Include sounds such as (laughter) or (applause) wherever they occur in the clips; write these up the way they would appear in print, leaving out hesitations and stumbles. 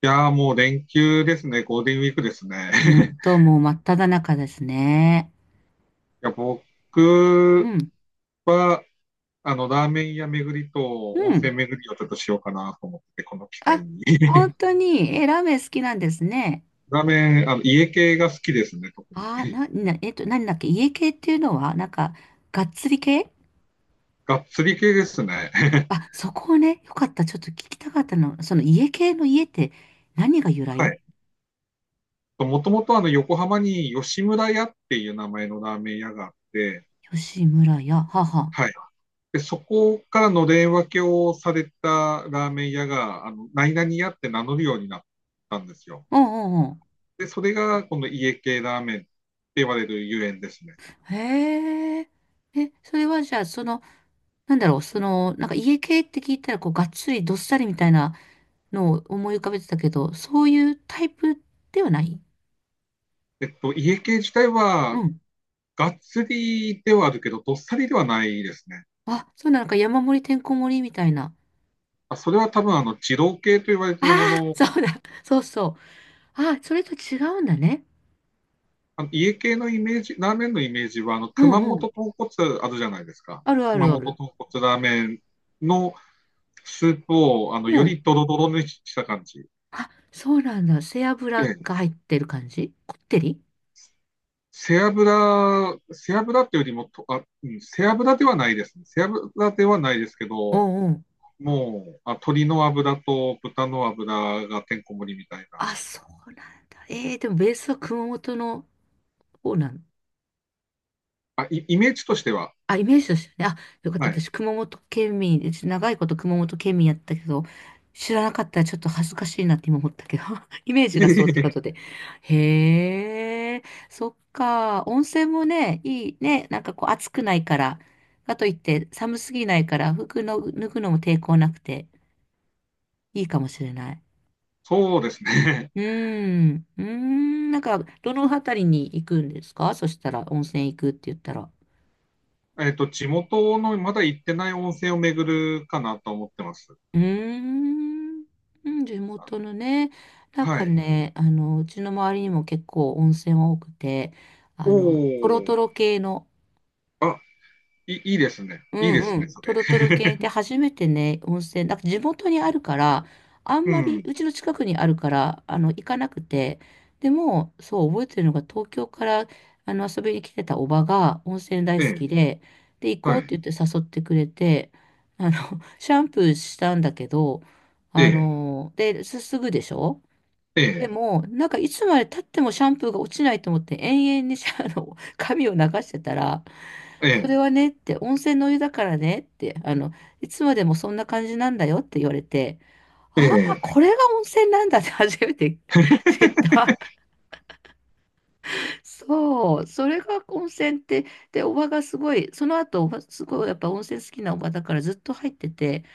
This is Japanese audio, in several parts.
いやー、もう連休ですね。ゴールデンウィークですね。本 (laughs) 当もう真っ只中ですね。いや、う僕ん、は、ラーメン屋巡りとう温泉ん。巡りをちょっとしようかなと思って、この機会あ、に。本 (laughs) 当に、え、ラーメン好きなんですね。ラーメン、家系が好きですね、特に。何だっけ、家系っていうのは、なんか、がっつり系。がっつり系ですね。(laughs) あ、そこをね、よかった。ちょっと聞きたかったの。その家系の家って、何が由は来？い。もともと横浜に吉村屋っていう名前のラーメン屋があって、吉村屋、母。はい。で、そこからのれん分けをされたラーメン屋が、何々屋って名乗るようになったんですよ。うんうんうで、それがこの家系ラーメンって言われるゆえんですね。ん。へえ。え、それはじゃあ、その、なんだろう、その、なんか家系って聞いたら、こう、がっつりどっさりみたいなのを思い浮かべてたけど、そういうタイプではない。家系自体は、うん。がっつりではあるけど、どっさりではないですね。あ、そうなのか、山盛りてんこ盛りみたいな。あ、それは多分、二郎系と言われてあいるもあ、の。そうだ、(laughs) そうそう。ああ、それと違うんだね。あの家系のイメージ、ラーメンのイメージは、う熊んう本ん。豚骨あるじゃないですか。あるあ熊るあ本る。豚骨ラーメンのスープを、うよん。りドロドロにした感じ。あ、そうなんだ。背脂で、が入ってる感じこってり。背脂、背脂っていうよりもと、あ、うん、背脂ではないですね。背脂ではないですけうど、んうん。もう、あ、鶏の油と豚の油がてんこ盛りみたいな。あ、そうなんだ。ええー、でもベースは熊本の方なん？あ、イメージとしては。あ、イメージとしてね。あ、よかっはた。私、い。熊本県民です、長いこと熊本県民やったけど、知らなかったらちょっと恥ずかしいなって今思ったけど、(laughs) イメージがそうってことで。(laughs) へえ、そっか。温泉もね、いいね。なんかこう暑くないから。かといって寒すぎないから、服の、脱ぐのも抵抗なくていいかもしれない。そうですね。うーん。うーん。なんか、どの辺りに行くんですかそしたら、温泉行くって言ったら。(laughs) 地元のまだ行ってない温泉を巡るかなと思ってます。うーん、うん、地元のね、なんはかい。ね、うちの周りにも結構温泉多くて、おトロトお。ロ系の。あ、いいですね。ういいんでうすね、ん。そトロれ。トロ系って初めてね、温泉、なんか地元にあるから、あんうまり、ん。うちの近くにあるから、行かなくて、でも、そう、覚えてるのが、東京から、遊びに来てたおばが、温泉え大好え。きで、で、行こはうってい。言って誘ってくれて、あの、(laughs) シャンプーしたんだけど、ええ。で、すぐでしょ？えでえ。も、なんかいつまで経ってもシャンプーが落ちないと思って延々にシャあの髪を流してたら、えそれえ。はねって、温泉のお湯だからねって、いつまでもそんな感じなんだよって言われて、えああ、え。これが温泉なんだって (laughs) 初めて (laughs) 知っ (laughs) た。そう、それが温泉って、で、おばがすごい、その後、おばすごいやっぱ温泉好きなおばだからずっと入ってて、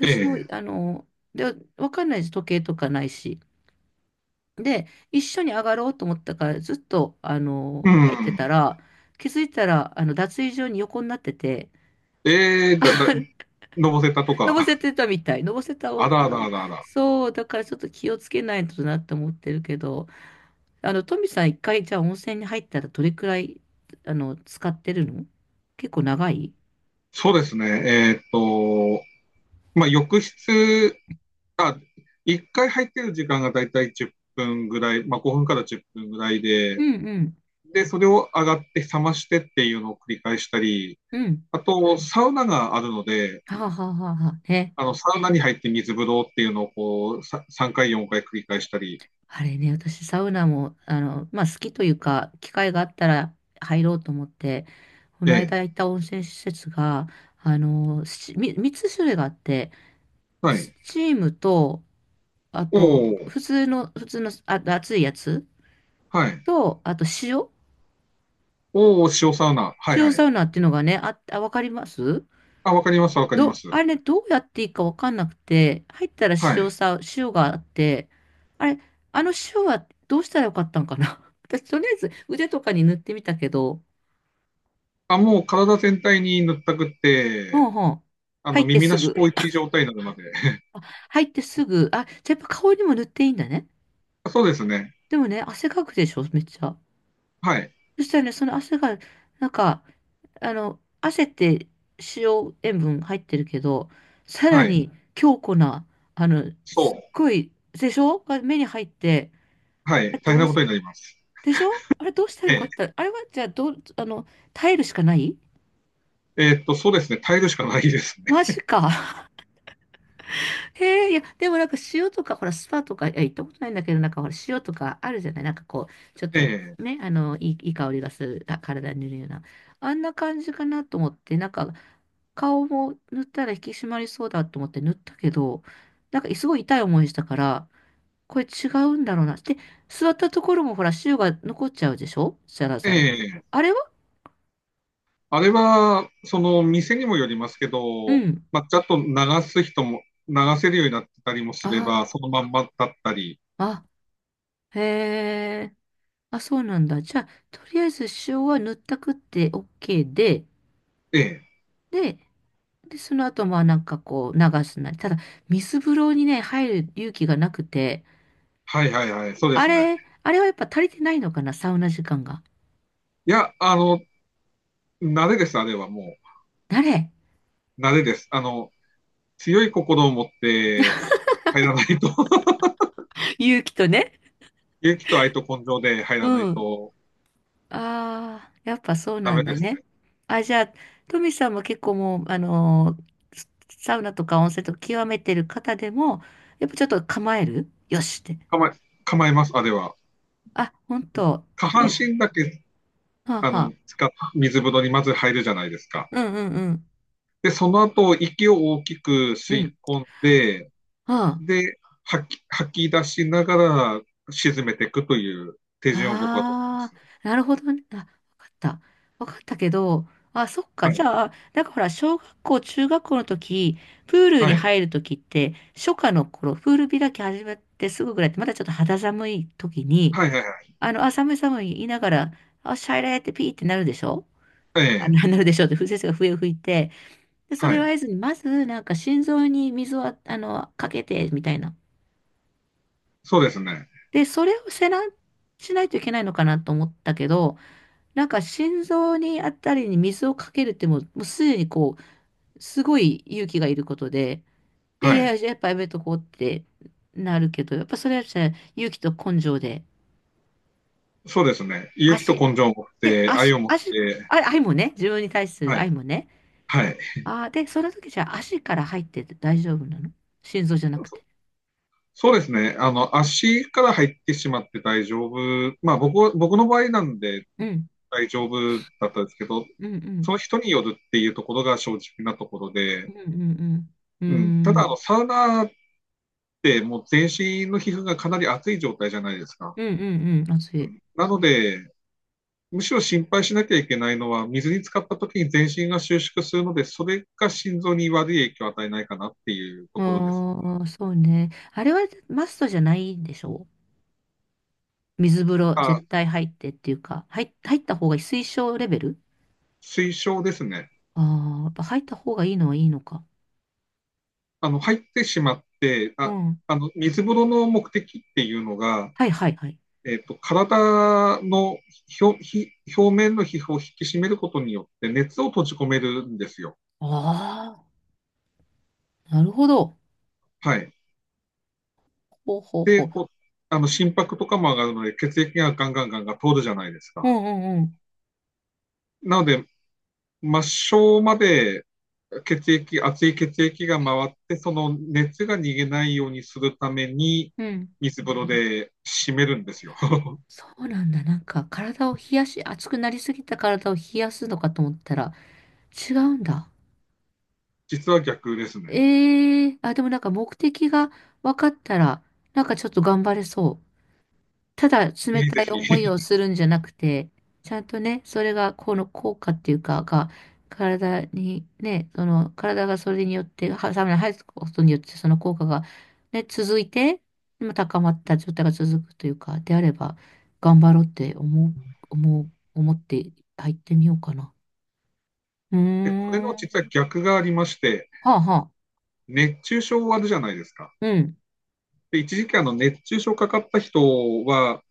えも、え。で、わかんないです、時計とかないし。で、一緒に上がろうと思ったから、ずっと、う入ってん。たら、気づいたら、脱衣所に横になってて、ええ、(laughs) のぼせたとのぼか。せてたみたい。のぼせたあを、らあらあらあら。そう、だからちょっと気をつけないとなって思ってるけど、トミさん一回、じゃあ温泉に入ったらどれくらい、使ってるの？結構長い。そうですね。えっと、まあ、浴室、あ、一回入ってる時間がだいたい10分ぐらい、まあ、5分から10分ぐらいうで、んうん。で、それを上がって冷ましてっていうのを繰り返したり、うん。あと、サウナがあるので、はあはあはあはあ。ね、サウナに入って水風呂っていうのをこう、3回、4回繰り返したり、あれね、私サウナも、まあ好きというか、機会があったら入ろうと思って、こえのえ、間行った温泉施設が、3つ種類があって、はスい。チームと、あおと、お、普通の、あ、熱いやつはい。と、あと塩、おお、塩サウナ。はいは塩サい。ウナっていうのがね、あ、わかりますあ、わかります、わかりまど、す。あれ、どうやっていいかわかんなくて、入ったらはい。塩があって、あれ、あの塩はどうしたらよかったんかな (laughs) 私、とりあえず腕とかに塗ってみたけど、あ、もう体全体に塗ったくっうんて、うん。入って耳すなしぐ。高一状態になるまで。あ、入ってすぐ。あ、じゃあやっぱ顔にも塗っていいんだね。(laughs) そうですね。でもね、汗かくでしょ、めっちゃ。はい。そしたらね、その汗が、なんか、汗って塩分入ってるけど、さはらい。に強固な、あの、そすっごい、でしょが目に入って、う。はい。あれ大変どなうこし、とになります。でしょあれどうしたらえよかったえ。あれはじゃあどう、耐えるしかない。そうですね。耐えるしかないですマね。ジか。(laughs) へえ、いや、でもなんか塩とか、ほら、スパとか、いや、行ったことないんだけど、なんかほら、塩とかあるじゃないなんかこう、ちょっえとえ。ね、いい香りがする、あ、体に塗るような。あんな感じかなと思って、なんか、顔も塗ったら引き締まりそうだと思って塗ったけど、なんかすごい痛い思いしたから、これ違うんだろうな。で、座ったところもほら、塩が残っちゃうでしょザラえザラって。え。あれは？あれは、その、店にもよりますけうど、ん。まあ、ちゃんと流す人も、流せるようになってたりもすれああ。ば、そのまんまだったり。あ、へえ。あ、そうなんだ。じゃあ、とりあえず塩は塗ったくって OK ええ。で、で、その後、まあなんかこう流すなり。ただ、水風呂にね、入る勇気がなくて、はいはいはい。そうですね。あれはやっぱ足りてないのかな、サウナ時間が。いや、慣れです、あれはも誰？ う。慣れです。強い心を持って入らないと。 (laughs) 勇気とね。(laughs) 勇気と愛と根性で入うらないん。とああ、やっぱそうダなメんだですね。ね。あ、じゃあ、トミさんも結構もう、サウナとか温泉とか極めてる方でも、やっぱちょっと構えるよしって。構え、構えます、あれは。あ、本当。下半で、身だけ、はあ、あはの、あ。使っ水風呂にまず入るじゃないですか。うんうんうん。で、その後、息を大きくう吸いん。込んで、はあ。で、吐き出しながら沈めていくという手順を僕は取ってまあすね。あ、なるほどね。あ、わかった。わかったけど、あ、そっか。はじい。ゃあ、なんかほら、小学校、中学校の時、プールにはい。入る時って、初夏の頃、プール開き始めてすぐぐらいって、まだちょっと肌寒い時に、はいはいはい。あ、寒い寒い言いながら、あ、シャイラーってピーってなるでしょ、えあ、え。ななるでしょって、風先生が笛を吹いて、で、そはれをい。合図に、まず、なんか心臓に水をかけて、みたいな。そうですね。で、それをしないといけないのかなと思ったけど、なんか心臓にあたりに水をかけるってもうすでにこう、すごい勇気がいることで、いやはいや、い。じゃあやっぱやめとこうってなるけど、やっぱそれはじゃあ勇気と根性で、そうですね。勇気と足、根性を持っで、て、愛足、を持っ足、て、あ、愛もね、自分に対するは愛い。もね。はい。ああ、で、その時じゃあ足から入ってて大丈夫なの？心臓じゃなくそて。そうですね。足から入ってしまって大丈夫。まあ、僕は、僕の場合なんで、うん、大丈夫だったんですけど、うん、うそん、の人によるっていうところが正直なところうで、ん、うん、ううん、たん、だうあん、の、サウナってもう全身の皮膚がかなり熱い状態じゃないですか。うん、うん、うん、熱うい。ん、なので、むしろ心配しなきゃいけないのは、水に浸かった時に全身が収縮するので、それが心臓に悪い影響を与えないかなっていうところです。ああ、そうね。あれはマストじゃないんでしょう？水風呂あ、絶対入ってっていうか、入った方がいい、推奨レベル？推奨ですね。ああー、やっぱ入った方がいいのはいいのか。あの、入ってしまって、うあ、ん。あの、水風呂の目的っていうのが、はいはいはい。えっと、体の表表面の皮膚を引き締めることによって熱を閉じ込めるんですよ。ああ、なるほど。はい。ほうほうで、ほう。こう、あの心拍とかも上がるので血液がガンガンガンガン通るじゃないですうか。んうんうん。なので、末梢まで熱い血液が回って、その熱が逃げないようにするためにうん。水風呂で締めるんですよ。(laughs) そうなんだ。なんか体を冷やし、熱くなりすぎた体を冷やすのかと思ったら、違うんだ。実は逆ですね。ええー、あ、でもなんか目的が分かったら、なんかちょっと頑張れそう。ただぜ冷ひたぜい思いひ。をするんじゃなくて、ちゃんとね、それがこの効果っていうか、が、体にね、その体がそれによって、はサウナに入ることによって、その効果がね、続いて、今高まった状態が続くというか、であれば、頑張ろうって思って入ってみようかな。うーで、これん。のは実は逆がありまして、あはあ。熱中症あるじゃないですか。うん。で、一時期あの熱中症かかった人は、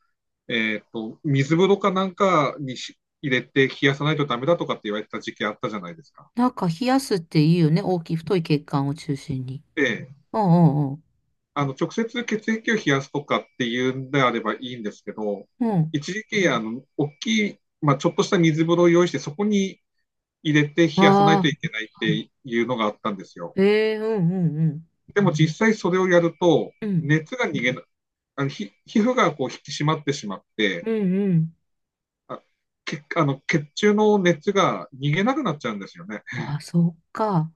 えーと、水風呂かなんかに入れて冷やさないとダメだとかって言われた時期あったじゃないですか。なんか冷やすっていいよね。大きい、太い血管を中心に。で、うんうん直接血液を冷やすとかっていうんであればいいんですけど、うん。うん。一時期、大きい、まあ、ちょっとした水風呂を用意して、そこに入れて冷やさないとあいあ。けないっていうのがあったんですよ。ええ、うんうんでも実際それをやると、うん。熱が逃げな、あの皮膚がこう引き締まってしまっうて、んうん。あ血あの血中の熱が逃げなくなっちゃうんですよね。あ、そっか。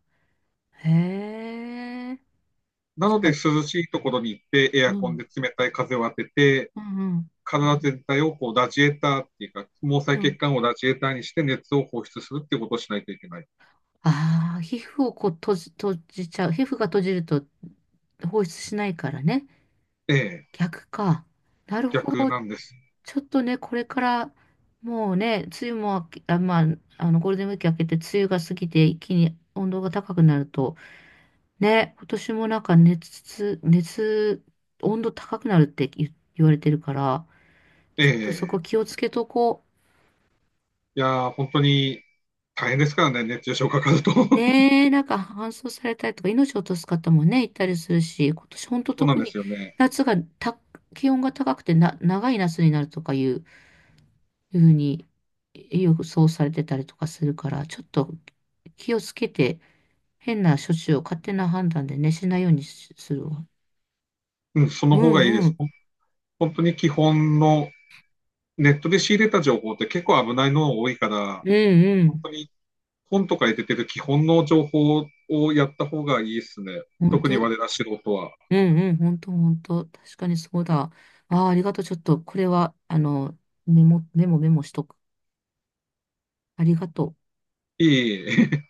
へえ。なじのゃであ、涼しいところに行ってエアうコンん。で冷たい風を当てて、うんうん。体全体をこうラジエーターっていうか、毛細う血ん。管をラジエーターにして熱を放出するっていうことをしないといけない。ああ、皮膚をこう閉じちゃう。皮膚が閉じると放出しないからね。ええ、逆か。なるほ逆ど。なんです。ちょっとね、これから、もうね、梅雨も明け、あ、まあ、ゴールデンウィーク明けて、梅雨が過ぎて、一気に温度が高くなると、ね、今年もなんか温度高くなるって言われてるから、ちょっとそえこ気え、をつけとこう。いやー、本当に大変ですからね、熱中症かかると。(laughs) そねえ、なんか搬送されたりとか命を落とす方もね、いたりするし、今年本当うなん特でにすよね。夏がた、気温が高くてな、長い夏になるとかいう、ふうに予想されてたりとかするから、ちょっと気をつけて変な処置を勝手な判断でね、しないようにしするわ。うん、そうの方がいいでんうす。ん。本当に基本のネットで仕入れた情報って結構危ないの多いから、うんう本ん。当に本とかに出てる基本の情報をやった方がいいですね。本特に当、我ら素人は。うんうん。本当本当。確かにそうだ。ああ、ありがとう。ちょっとこれは、メモメモしとく。ありがとう。いい。